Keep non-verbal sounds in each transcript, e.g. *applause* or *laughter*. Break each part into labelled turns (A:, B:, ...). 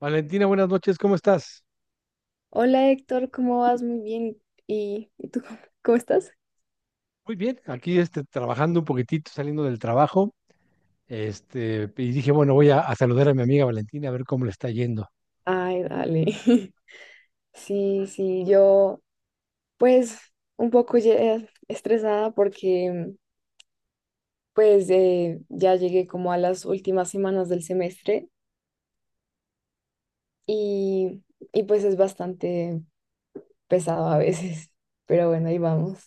A: Valentina, buenas noches, ¿cómo estás?
B: Hola Héctor, ¿cómo vas? Muy bien. ¿Y tú cómo estás?
A: Muy bien, aquí trabajando un poquitito, saliendo del trabajo, y dije, bueno, voy a saludar a mi amiga Valentina a ver cómo le está yendo.
B: Ay, dale. *laughs* Sí, sí, yo pues un poco estresada porque pues ya llegué como a las últimas semanas del semestre y, y pues es bastante pesado a veces, *laughs* pero bueno, ahí vamos.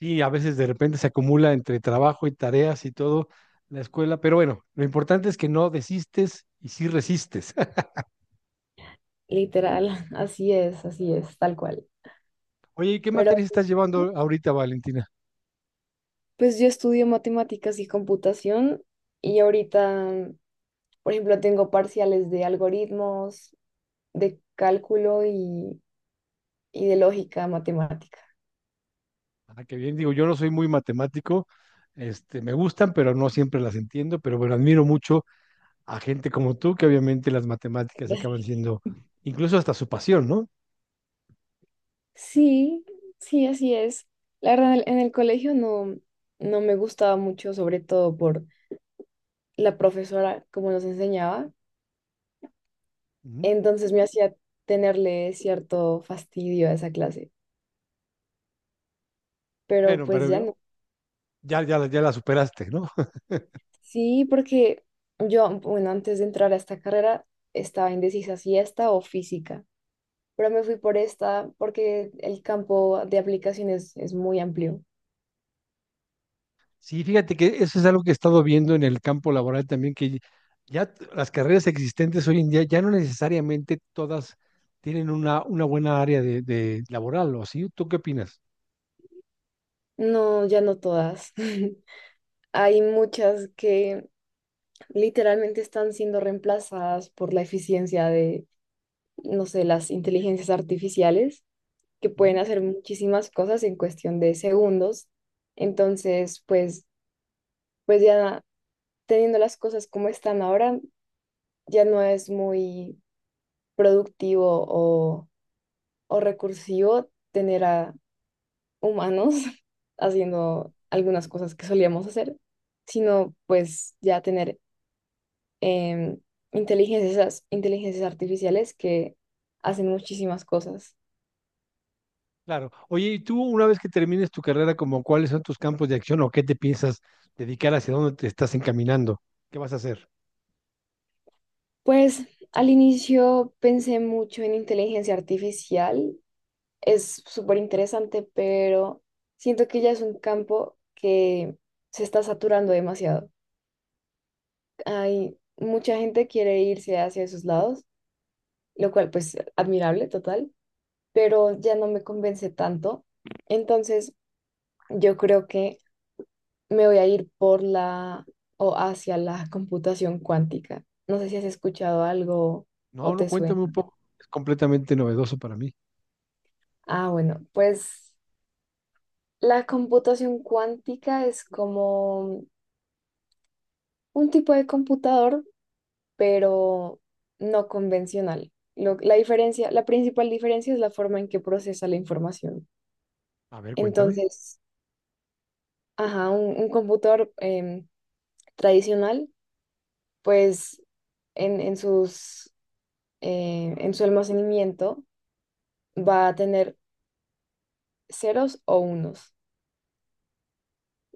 A: Sí, a veces de repente se acumula entre trabajo y tareas y todo la escuela, pero bueno, lo importante es que no desistes y sí resistes. *laughs*
B: Literal, *laughs* así es, tal cual.
A: Oye, ¿y qué
B: Pero
A: materias estás llevando ahorita, Valentina?
B: pues yo estudio matemáticas y computación y ahorita, por ejemplo, tengo parciales de algoritmos, de y de lógica matemática.
A: Ah, qué bien, digo, yo no soy muy matemático, me gustan, pero no siempre las entiendo, pero bueno, admiro mucho a gente como tú, que obviamente las matemáticas acaban
B: *laughs*
A: siendo incluso hasta su pasión, ¿no?
B: Sí, sí, así es. La verdad, en el colegio no, no me gustaba mucho, sobre todo por la profesora, como nos enseñaba.
A: Ujú.
B: Entonces me hacía tenerle cierto fastidio a esa clase, pero
A: Bueno,
B: pues
A: pero
B: ya
A: yo-
B: no.
A: ya, ya, ya la superaste, ¿no? *laughs*
B: Sí, porque yo, bueno, antes de entrar a esta carrera estaba indecisa si esta o física, pero me fui por esta porque el campo de aplicaciones es muy amplio.
A: Sí, fíjate que eso es algo que he estado viendo en el campo laboral también, que ya las carreras existentes hoy en día ya no necesariamente todas tienen una buena área de laboral, ¿o sí? ¿Tú qué opinas?
B: No, ya no todas. *laughs* Hay muchas que literalmente están siendo reemplazadas por la eficiencia de, no sé, las inteligencias artificiales, que
A: Ujú.
B: pueden hacer muchísimas cosas en cuestión de segundos. Entonces, pues, pues ya teniendo las cosas como están ahora, ya no es muy productivo o recursivo tener a humanos *laughs* haciendo algunas cosas que solíamos hacer, sino pues ya tener em, inteligencias artificiales que hacen muchísimas cosas.
A: Claro. Oye, ¿y tú una vez que termines tu carrera, como cuáles son tus campos de acción o qué te piensas dedicar, hacia dónde te estás encaminando? ¿Qué vas a hacer?
B: Pues al inicio pensé mucho en inteligencia artificial, es súper interesante, pero siento que ya es un campo que se está saturando demasiado. Hay mucha gente quiere irse hacia esos lados, lo cual pues admirable, total, pero ya no me convence tanto. Entonces, yo creo que me voy a ir por la o hacia la computación cuántica. No sé si has escuchado algo
A: No,
B: o
A: no,
B: te suena.
A: cuéntame un poco. Es completamente novedoso para mí.
B: Ah, bueno, pues la computación cuántica es como un tipo de computador, pero no convencional. La diferencia, la principal diferencia es la forma en que procesa la información.
A: A ver, cuéntame.
B: Entonces, ajá, un computador tradicional pues en, en sus, en su almacenamiento va a tener ceros o unos,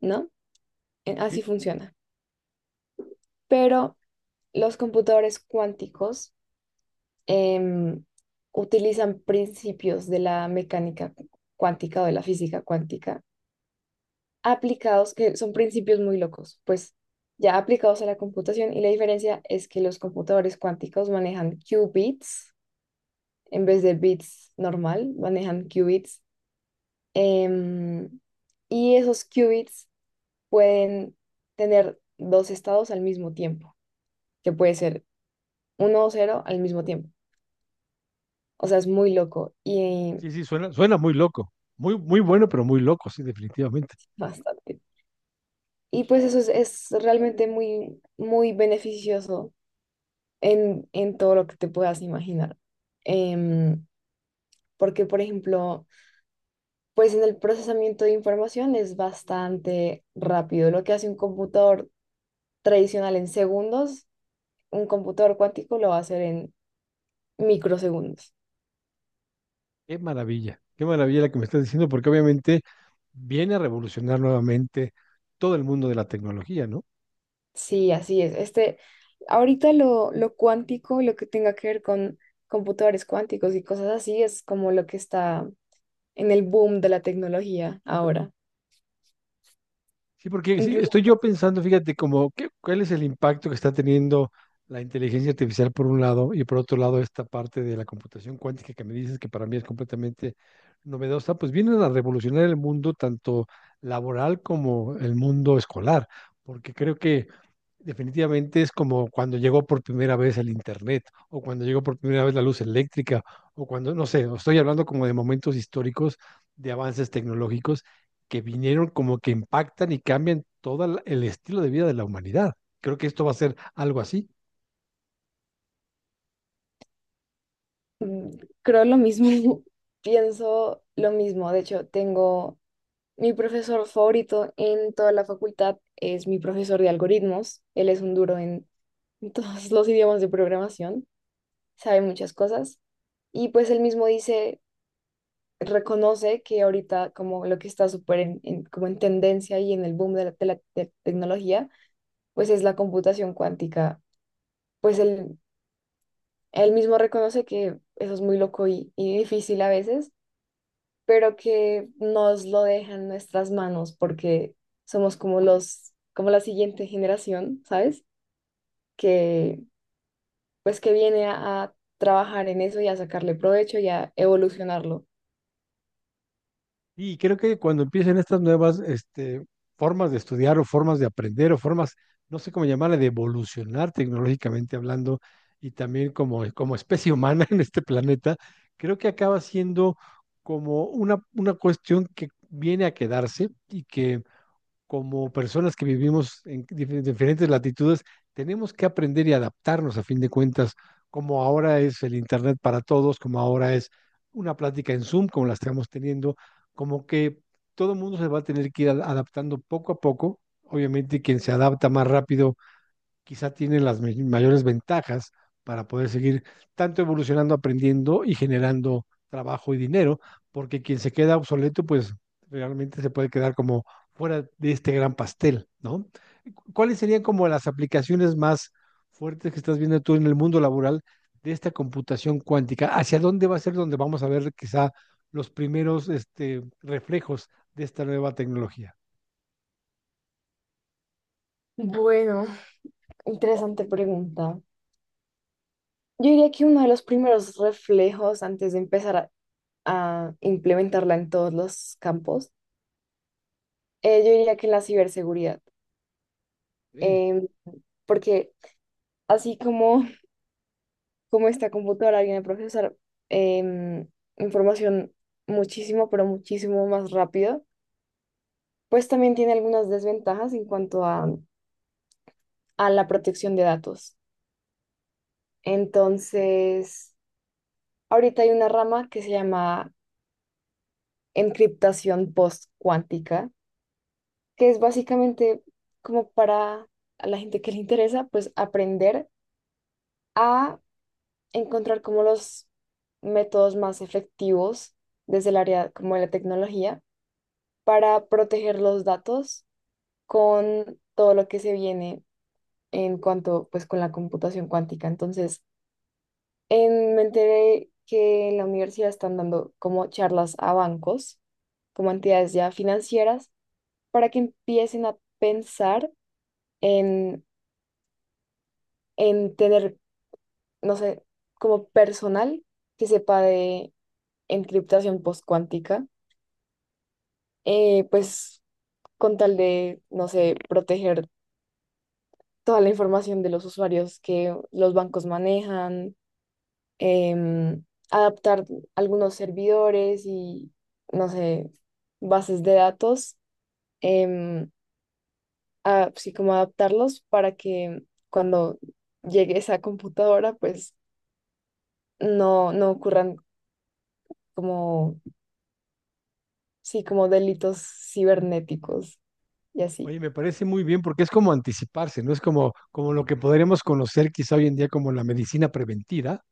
B: ¿no? En- Así
A: Sí,
B: funciona. Pero los computadores cuánticos em, utilizan principios de la mecánica cuántica o de la física cuántica aplicados, que son principios muy locos, pues ya aplicados a la computación, y la diferencia es que los computadores cuánticos manejan qubits en vez de bits normal, manejan qubits. Em, y esos qubits pueden tener dos estados al mismo tiempo, que puede ser uno o cero al mismo tiempo. O sea, es muy loco y
A: sí, sí, suena muy loco. Muy, muy bueno, pero muy loco, sí, definitivamente.
B: bastante. Y pues eso es realmente muy, muy beneficioso en todo lo que te puedas imaginar. Em, Porque, por ejemplo, pues en el procesamiento de información es bastante rápido. Lo que hace un computador tradicional en segundos, un computador cuántico lo va a hacer en microsegundos.
A: Qué maravilla la que me estás diciendo, porque obviamente viene a revolucionar nuevamente todo el mundo de la tecnología, ¿no?
B: Sí, así es. Este, ahorita lo cuántico, lo que tenga que ver con computadores cuánticos y cosas así, es como lo que está en el boom de la tecnología ahora.
A: Sí, porque sí,
B: Incluso
A: estoy yo pensando, fíjate, como ¿qué- cuál es el impacto que está teniendo la inteligencia artificial por un lado y por otro lado esta parte de la computación cuántica que me dices que para mí es completamente novedosa, pues vienen a revolucionar el mundo tanto laboral como el mundo escolar, porque creo que definitivamente es como cuando llegó por primera vez el internet, o cuando llegó por primera vez la luz eléctrica, o cuando, no sé, o estoy hablando como de momentos históricos de avances tecnológicos que vinieron como que impactan y cambian todo el estilo de vida de la humanidad. Creo que esto va a ser algo así.
B: mm, creo lo mismo, *laughs* pienso lo mismo. De hecho, tengo mi profesor favorito en toda la facultad, es mi profesor de algoritmos. Él es un duro en *laughs* en todos los idiomas de programación, sabe muchas cosas. Y pues él mismo dice, reconoce que ahorita como lo que está súper como en tendencia y en el boom de la tecnología, pues es la computación cuántica. Pues él mismo reconoce que eso es muy loco y difícil a veces, pero que nos lo deja en nuestras manos porque somos como los, como la siguiente generación, ¿sabes? Que pues que viene a trabajar en eso y a sacarle provecho y a evolucionarlo.
A: Y creo que cuando empiecen estas nuevas formas de estudiar o formas de aprender o formas, no sé cómo llamarle, de evolucionar tecnológicamente hablando y también como especie humana *laughs* en este planeta, creo que acaba siendo como una cuestión que viene a quedarse y que como personas que vivimos en diferentes latitudes, tenemos que aprender y adaptarnos a fin de cuentas, como ahora es el Internet para todos, como ahora es una plática en Zoom, como la estamos teniendo, como que todo el mundo se va a tener que ir adaptando poco a poco. Obviamente, quien se adapta más rápido quizá tiene las mayores ventajas para poder seguir tanto evolucionando, aprendiendo y generando trabajo y dinero, porque quien se queda obsoleto, pues realmente se puede quedar como fuera de este gran pastel, ¿no? ¿Cuáles serían como las aplicaciones más fuertes que estás viendo tú en el mundo laboral de esta computación cuántica? ¿Hacia dónde va a ser donde vamos a ver quizá los primeros reflejos de esta nueva tecnología?
B: Bueno, interesante pregunta. Yo diría que uno de los primeros reflejos antes de empezar a implementarla en todos los campos, yo diría que en la ciberseguridad.
A: Sí.
B: Em, Porque así como, como esta computadora viene a procesar em, información muchísimo, pero muchísimo más rápido, pues también tiene algunas desventajas en cuanto a la protección de datos. Entonces, ahorita hay una rama que se llama encriptación post, que es básicamente como para a la gente que le interesa, pues aprender a encontrar como los métodos más efectivos desde el área como de la tecnología para proteger los datos con todo lo que se viene en cuanto pues con la computación cuántica. Entonces, me enteré que en la universidad están dando como charlas a bancos, como entidades ya financieras, para que empiecen a pensar en en tener, no sé, como personal que sepa de encriptación postcuántica, pues con tal de, no sé, proteger toda la información de los usuarios que los bancos manejan, em, adaptar algunos no sé, bases de datos, em, sí, como adaptarlos para que cuando llegue esa computadora, pues no, no ocurran como, sí, como delitos cibernéticos y así.
A: Oye, me parece muy bien porque es como anticiparse, ¿no? Es como, como lo que podríamos conocer quizá hoy en día como la medicina preventiva,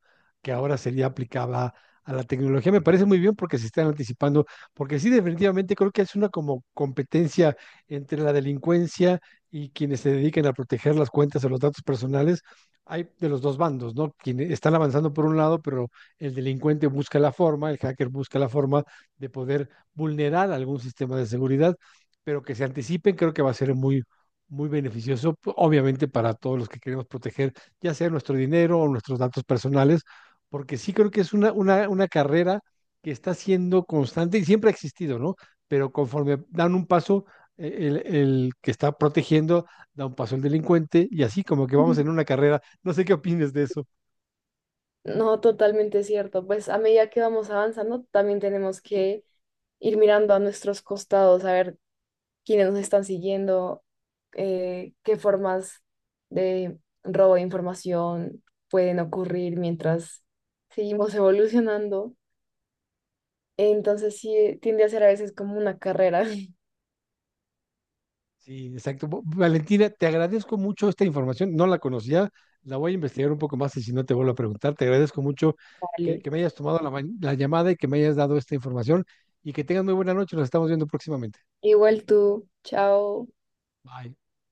A: que ahora sería aplicada a la tecnología. Me parece muy bien porque se están anticipando, porque sí, definitivamente creo que es una como competencia entre la delincuencia y quienes se dedican a proteger las cuentas o los datos personales. Hay de los dos bandos, ¿no? Quienes están avanzando por un lado, pero el delincuente busca la forma, el hacker busca la forma de poder vulnerar algún sistema de seguridad pero que se anticipen creo que va a ser muy, muy beneficioso, obviamente para todos los que queremos proteger, ya sea nuestro dinero o nuestros datos personales, porque sí creo que es una carrera que está siendo constante y siempre ha existido, ¿no? Pero conforme dan un paso, eh, el que está protegiendo da un paso el delincuente y así como que vamos
B: Mm.
A: en una carrera. No sé qué opines de eso.
B: No, totalmente cierto. Pues a medida que vamos avanzando, también tenemos que ir mirando a nuestros costados, a ver quiénes nos están siguiendo, qué formas de robo de información pueden ocurrir mientras seguimos evolucionando. Entonces sí, tiende a ser a veces como una carrera. *laughs*
A: Sí, exacto. Valentina, te agradezco mucho esta información. No la conocía, la voy a investigar un poco más y si no te vuelvo a preguntar, te agradezco mucho
B: Vale.
A: que me hayas tomado la llamada y que me hayas dado esta información y que tengas muy buena noche. Nos estamos viendo próximamente.
B: Igual tú, chao.
A: Bye.